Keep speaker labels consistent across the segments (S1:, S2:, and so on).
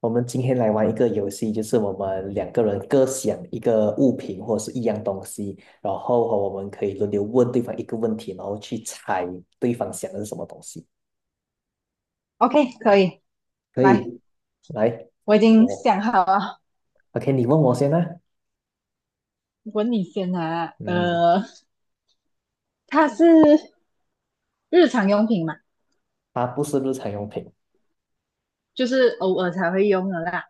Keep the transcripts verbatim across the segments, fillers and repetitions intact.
S1: 我们今天来玩一个游戏，就是我们两个人各想一个物品或者是一样东西，然后我们可以轮流问对方一个问题，然后去猜对方想的是什么东西。
S2: OK，可以，
S1: 可
S2: 来，
S1: 以，来，
S2: 我已经
S1: 我
S2: 想好了，
S1: OK，你问我先啦。
S2: 问你先啊。
S1: 嗯，
S2: 呃，它是日常用品嘛？
S1: 它不是日常用品，
S2: 就是偶尔才会用的啦。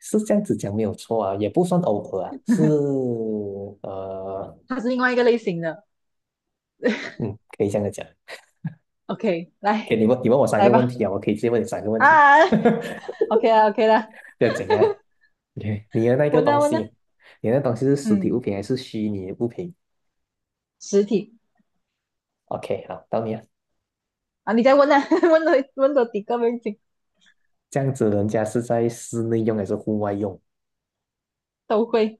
S1: 是这样子讲没有错啊，也不算偶尔啊，是 呃，
S2: 它是另外一个类型的。
S1: 嗯，可以这样子讲。
S2: OK，
S1: 可以，
S2: 来，
S1: 你问你问我三
S2: 来
S1: 个问
S2: 吧。
S1: 题啊，我可以直接问你三个问题，
S2: 啊 ，OK 啦，OK 啦，
S1: 不要紧啊。你你的那个
S2: 问啊
S1: 东
S2: 问啊，
S1: 西，你的东西是实体物
S2: 嗯，
S1: 品还是虚拟的物品
S2: 实体
S1: ？OK，好，到你了。
S2: 啊，你再问啊，问多问多几个问题
S1: 这样子，人家是在室内用还是户外用？
S2: 都会。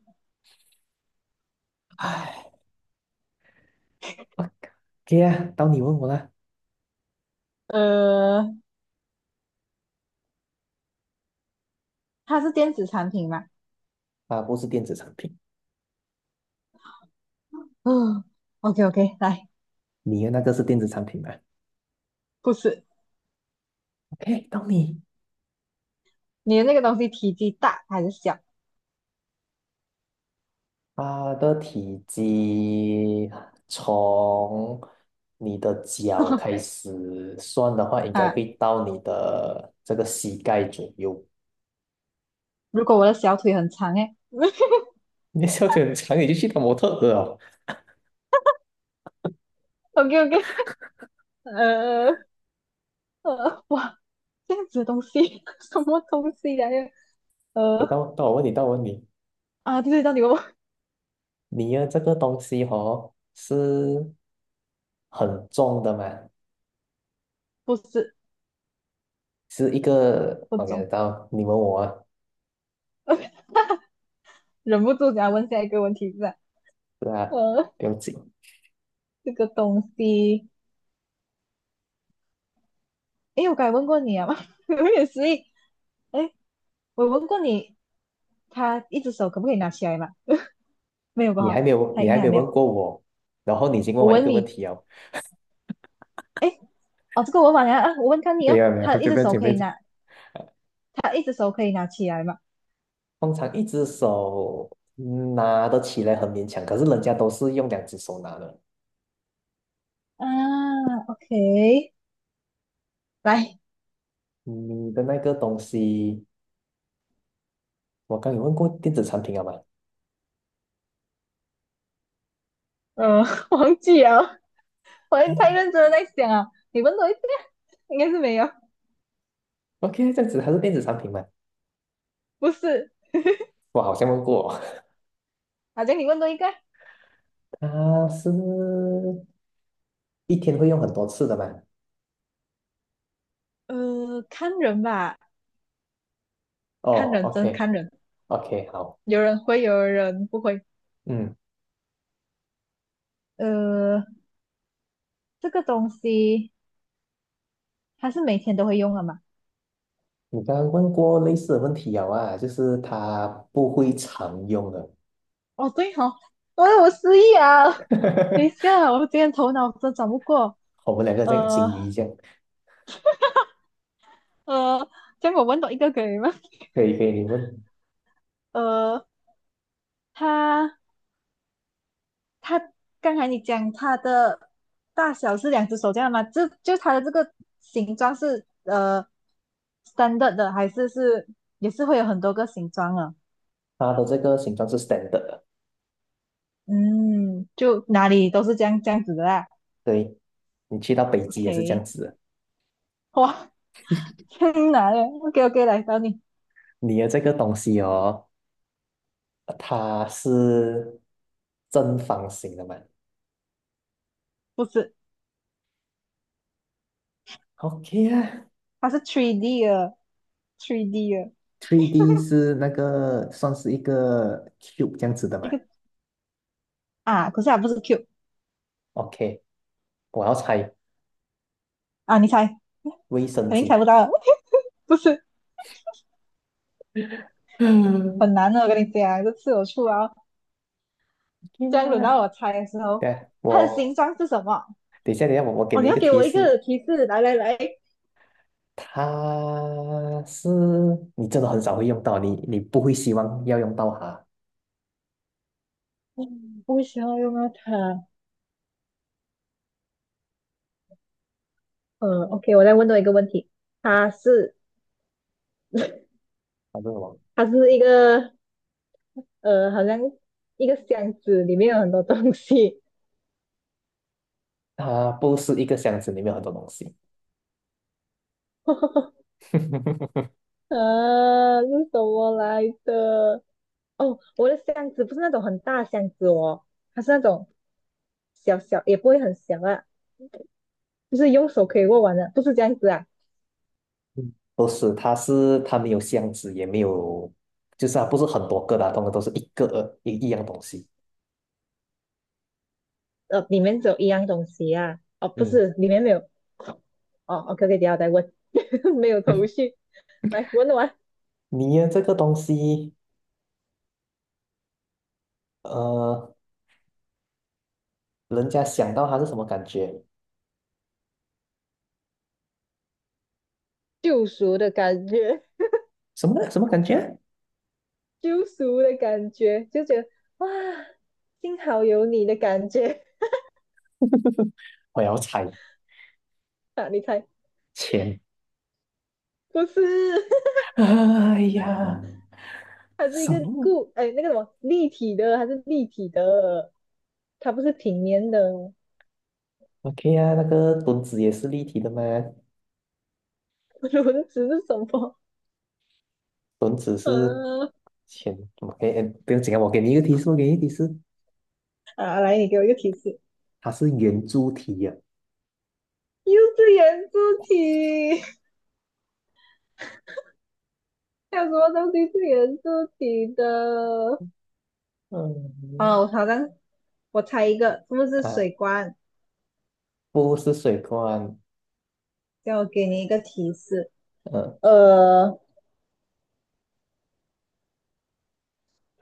S1: 哎，OK 啊，到你问我啦。
S2: 呃，它是电子产品嘛？
S1: 啊，不是电子产品，
S2: 嗯，OK OK，来，
S1: 你的那个是电子产品吗
S2: 不是，
S1: ？OK，到你。
S2: 你的那个东西体积大还是小？
S1: 它的体积啊从你的脚开 始算的话，应该会
S2: 啊，
S1: 到你的这个膝盖左右。
S2: 如果我的小腿很长哎。
S1: 你的笑得很长，你就去当模特儿哦。
S2: ，OK OK，呃呃，哇，这样子的东西，什么东西呀、
S1: 诶
S2: 呃
S1: 到到我问你，到我问你，
S2: 啊，对对，到底我
S1: 你要这个东西哦是很重的嘛，
S2: 不是
S1: 是一个
S2: 不懂，
S1: OK，到你问我啊，
S2: 忍不住想要问下一个问题是吧？
S1: 是啊，
S2: 呃，
S1: 不用紧，
S2: 这个东西，诶，我刚才问过你啊吗？有点失忆。诶，我问过你，他一只手可不可以拿起来嘛？没有吧？
S1: 你还
S2: 哈，
S1: 没有
S2: 他
S1: 你
S2: 应
S1: 还
S2: 该
S1: 没
S2: 还
S1: 有
S2: 没
S1: 问
S2: 有。
S1: 过我，然后你已经问
S2: 我
S1: 我一
S2: 问
S1: 个问
S2: 你，
S1: 题哦，
S2: 诶，哦，这个我问完啊，啊我问看你
S1: 没
S2: 哦，
S1: 有没有，
S2: 他
S1: 不
S2: 一只
S1: 不要
S2: 手
S1: 紧不
S2: 可
S1: 要
S2: 以
S1: 紧，
S2: 拿，他一只手可以拿起来吗？
S1: 通常一只手拿得起来很勉强，可是人家都是用两只手拿的，
S2: 啊，OK。来，
S1: 你的那个东西，我刚有问过电子产品好吗？
S2: 呃，忘记了，我也太
S1: 嗯
S2: 认真的在想啊。你问多一个，应该是没有，
S1: ？OK，这样子还是电子产品嘛？
S2: 不是。
S1: 我好像问过哦，
S2: 好像你问多一个，
S1: 它是一天会用很多次的嘛？
S2: 呃，看人吧，看
S1: 哦
S2: 人，真是看人，
S1: ，OK，OK，好，
S2: 有人会，有人不会。
S1: 嗯，
S2: 呃，这个东西它是每天都会用的嘛？
S1: 你刚刚问过类似的问题有啊，就是它不会常用的，
S2: 哦，对哦，哎我有失忆啊。等一 下，我今天头脑真转不过。
S1: 我们两个在
S2: 呃
S1: 金鱼这样，
S2: 呃，这样我问到一个可以吗？
S1: 可以可以，你问
S2: 呃，它它刚才你讲它的大小是两只手这样吗？就就它的这个形状是呃 standard 的，还是是也是会有很多个形状啊？
S1: 它的这个形状是 standard 的。
S2: 嗯，就哪里都是这样这样子的啦。
S1: 对，你去到北极也是这样
S2: OK，
S1: 子的，
S2: 哇，天哪嘞！OK OK，来找你，
S1: 你的这个东西哦，它是正方形的嘛
S2: 不是，
S1: ？OK 啊
S2: 它是 三 D 的，三 D 的
S1: ，三 D 是那个算是一个 cube 这样子的
S2: 一
S1: 嘛
S2: 个啊，可是它不是 Q
S1: ？OK，我要猜
S2: 啊，你猜，
S1: 卫生
S2: 肯定猜
S1: 纸。
S2: 不到了，不是
S1: 嗯，
S2: 很难的，我跟你讲，这次我出啊，
S1: 天
S2: 这样轮
S1: 啊！
S2: 到我猜的时候，
S1: 对下
S2: 它的形
S1: 我
S2: 状是什么？
S1: 等一下，等一下，我我给
S2: 哦，
S1: 你
S2: 你
S1: 一
S2: 要
S1: 个
S2: 给
S1: 提
S2: 我一
S1: 示，
S2: 个提示，来来来，
S1: 它是你真的很少会用到，你你不会希望要用到它，
S2: 嗯，不需要用到它。嗯，OK，我再问多一个问题，它是
S1: 它是什么，
S2: 它是一个呃，好像一个箱子里面有很多东西。
S1: 它不是一个箱子里面有很多东西，
S2: 呃，是什么来的？哦，我的箱子不是那种很大的箱子哦，它是那种小小，也不会很小啊，就是用手可以握完的，不是这样子啊。
S1: 不是，它是它没有箱子，也没有，就是它不是很多个的啊，通常都是一个一一样东西。
S2: 呃，里面只有一样东西啊。哦，不
S1: 嗯，
S2: 是，里面没有。哦哦，OK，OK，、等一下我再问，没有头 绪。来，问完
S1: 你呀，这个东西，呃，人家想到它是什么感觉？
S2: 救赎的感觉，
S1: 什么什么感觉？
S2: 救赎的感觉，就觉得哇，幸好有你的感觉。
S1: 我要猜
S2: 啊！你猜，
S1: 钱。
S2: 不是，
S1: 哎呀，
S2: 它是一
S1: 什
S2: 个
S1: 么
S2: 固，哎，那个什么立体的，它是立体的，它不是平面的。
S1: ？OK 啊，那个墩子也是立体的吗？
S2: 轮子是什么？
S1: 墩子 是
S2: 呃，
S1: 前 OK，哎不用紧啊，我给你一个提示，我给你一个提示，
S2: 啊，来，你给我一个提示，
S1: 它是圆柱体呀、
S2: 又是圆柱体。还有什么东西是圆柱体的？
S1: 嗯，
S2: 哦，好像我猜一个，是不是
S1: 啊，
S2: 水罐？
S1: 不是水罐，
S2: 叫我给你一个提示。
S1: 呃，
S2: 呃，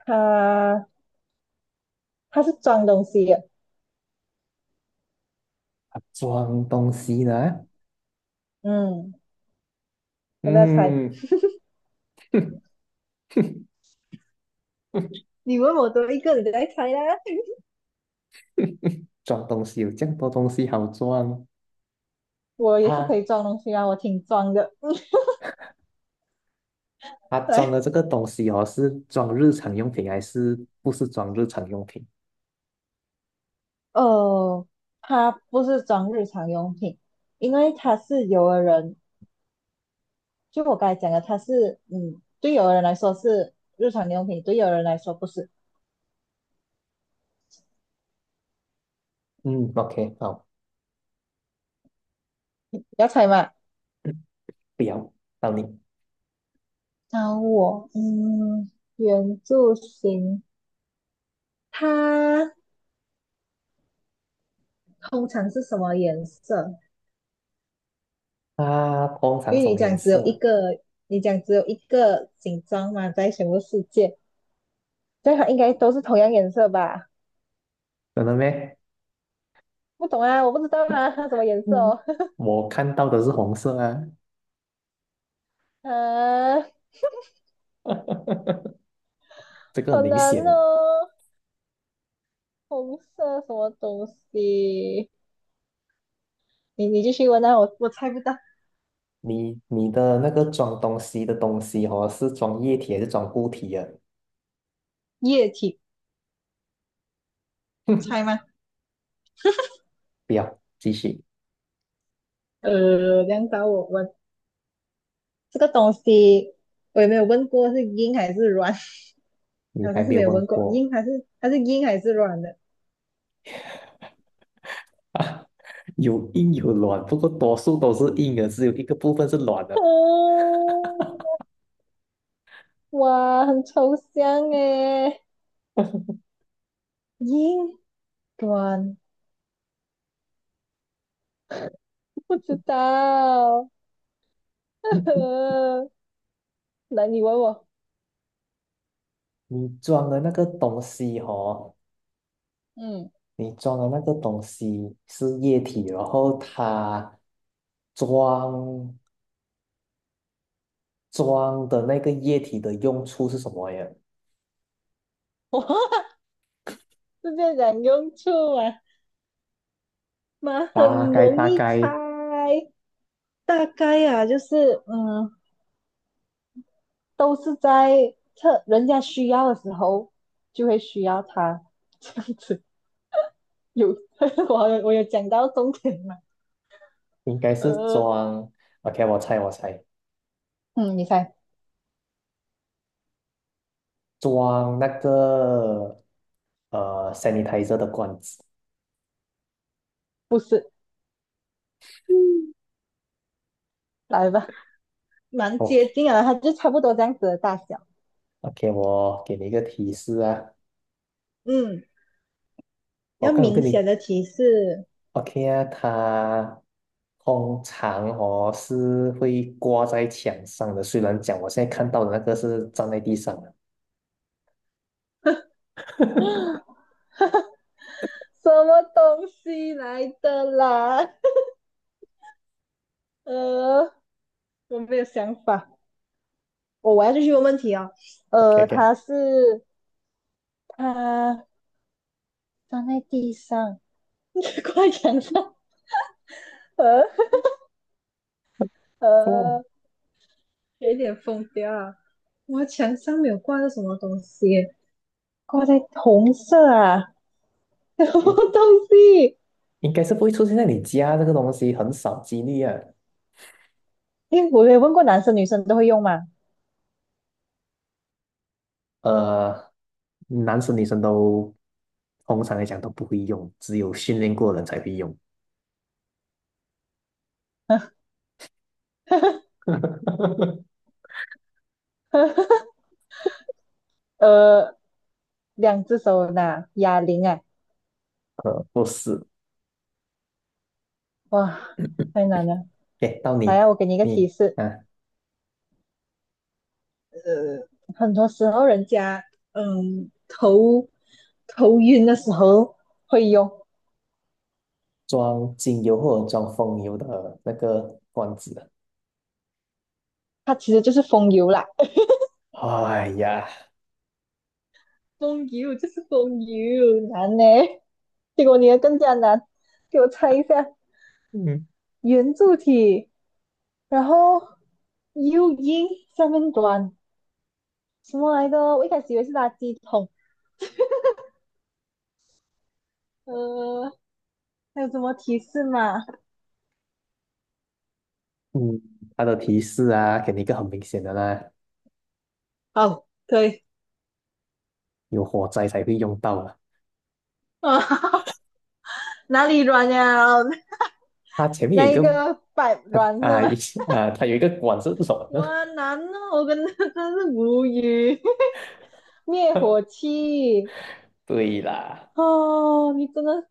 S2: 它它是装东西的，
S1: 它装东西呢、
S2: 嗯，要不要猜？
S1: 嗯，
S2: 你问我多一个，你再猜啦。
S1: 装东西有这么多东西好装，
S2: 我也是可
S1: 它
S2: 以装东西啊，我挺装的。
S1: 它 装的
S2: 对，
S1: 这个东西哦，是装日常用品还是不是装日常用品？
S2: 哦，它不是装日常用品，因为它是有的人，就我刚才讲的，它是嗯，对有的人来说是日常用品，对有的人来说不是。
S1: 嗯，OK，好，
S2: 你要猜吗？
S1: 不要，到你。
S2: 找我，嗯，圆柱形，它通常是什么颜色？
S1: 啊，通常
S2: 因
S1: 什
S2: 为你
S1: 么颜
S2: 讲只有一
S1: 色？
S2: 个，你讲只有一个形状嘛，在全部世界，所以它应该都是同样颜色吧？
S1: 真的咩？
S2: 不懂啊，我不知道啊，它什么颜色
S1: 嗯，
S2: 哦？
S1: 我看到的是红色啊，
S2: 啊，
S1: 这个很
S2: 好
S1: 明
S2: 难
S1: 显。
S2: 哦，红色什么东西？你你继续问啊，我我猜不到，
S1: 你你的那个装东西的东西哦，是装液体还是装固体啊？
S2: 液体猜吗？
S1: 不要，继续，
S2: 呃，这样找我问这个东西，我也没有问过是硬还是软。
S1: 你
S2: 好
S1: 还
S2: 像是
S1: 没有
S2: 没有
S1: 问
S2: 问过
S1: 过
S2: 硬还是还是硬还是软的？
S1: 啊。有硬有软，不过多数都是硬的，只有一个部分是软的。
S2: 哦，哇，很抽象诶，硬软，不知道。来，你问我，
S1: 你装的那个东西哦，
S2: 嗯，
S1: 你装的那个东西是液体，然后它装。装的那个液体的用处是什么呀？
S2: 直接讲用处啊，妈
S1: 大
S2: 很
S1: 概
S2: 容
S1: 大
S2: 易猜，
S1: 概
S2: 大概啊，就是嗯，都是在特人家需要的时候就会需要它，这样子有，我有我有讲到重点吗？
S1: 应该是
S2: 呃，
S1: 装，OK，我猜我猜，
S2: 嗯，你猜。
S1: 装那个呃 sanitizer 的罐子。
S2: 不是，来吧，蛮
S1: 哦
S2: 接近啊，它就差不多这样子的大小。
S1: ，OK，我给你一个提示啊，
S2: 嗯，
S1: 我
S2: 要
S1: 刚有跟
S2: 明
S1: 你
S2: 显的提示。
S1: OK 啊，它通常哦是会挂在墙上的，虽然讲我现在看到的那个是站在地上的。
S2: 什么东西来的啦？呃，我没有想法。我、哦我要继续问问题啊。哦，
S1: OK
S2: 呃，
S1: OK，
S2: 它是它放在地上，挂在墙上。呃
S1: 哦，
S2: 呃，有点疯掉啊！我墙上没有挂着什么东西，挂在红色啊，什么
S1: 应
S2: 东西？
S1: 应该是不会出现在你家这个东西，很少几率啊。
S2: 诶，我没有问过男生女生都会用吗？
S1: 呃，男生女生都通常来讲都不会用，只有训练过的人才会用。
S2: 呃，两只手拿哑铃啊，
S1: 呃，不是，
S2: 哇，太难了。
S1: 给到
S2: 来
S1: 你，
S2: 啊，我给你一个
S1: 你
S2: 提示，
S1: 啊，
S2: 呃，很多时候人家嗯头头晕的时候会用，
S1: 装精油或者装风油的那个罐子
S2: 它其实就是风油啦。
S1: 啊。哎呀，
S2: 风油就是风油，难呢。结果你的更加难，给我猜一下，
S1: 嗯，
S2: 圆柱体，然后 U 音下面短，什么来的？我一开始以为是垃圾桶。呃，还有什么提示吗？
S1: 嗯，它的提示啊，给你一个很明显的啦，
S2: 哦，可以，
S1: 有火灾才会用到啊。
S2: 啊，哪里软呀？
S1: 它前 面
S2: 那
S1: 有一
S2: 一
S1: 个，
S2: 个百
S1: 它
S2: 软是
S1: 啊
S2: 吗？
S1: 一啊，它有一个管是什 么呢？
S2: 哇，难哦，我跟他真是无语。灭火 器，
S1: 对啦，
S2: 哦，你真的是，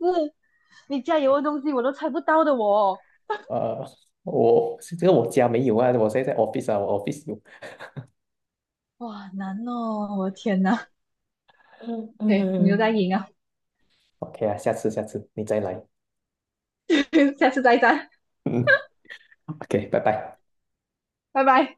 S2: 你加油的东西我都猜不到的我，
S1: 呃，我这个我家没有啊，我现在在 office 啊，我 office 有。
S2: 哇，难哦，我的天哪。
S1: 嗯
S2: 对，你又在
S1: 嗯，
S2: 赢啊，
S1: OK 啊，下次下次你再来。
S2: 下次再战，
S1: 嗯，OK，拜拜。
S2: 拜拜。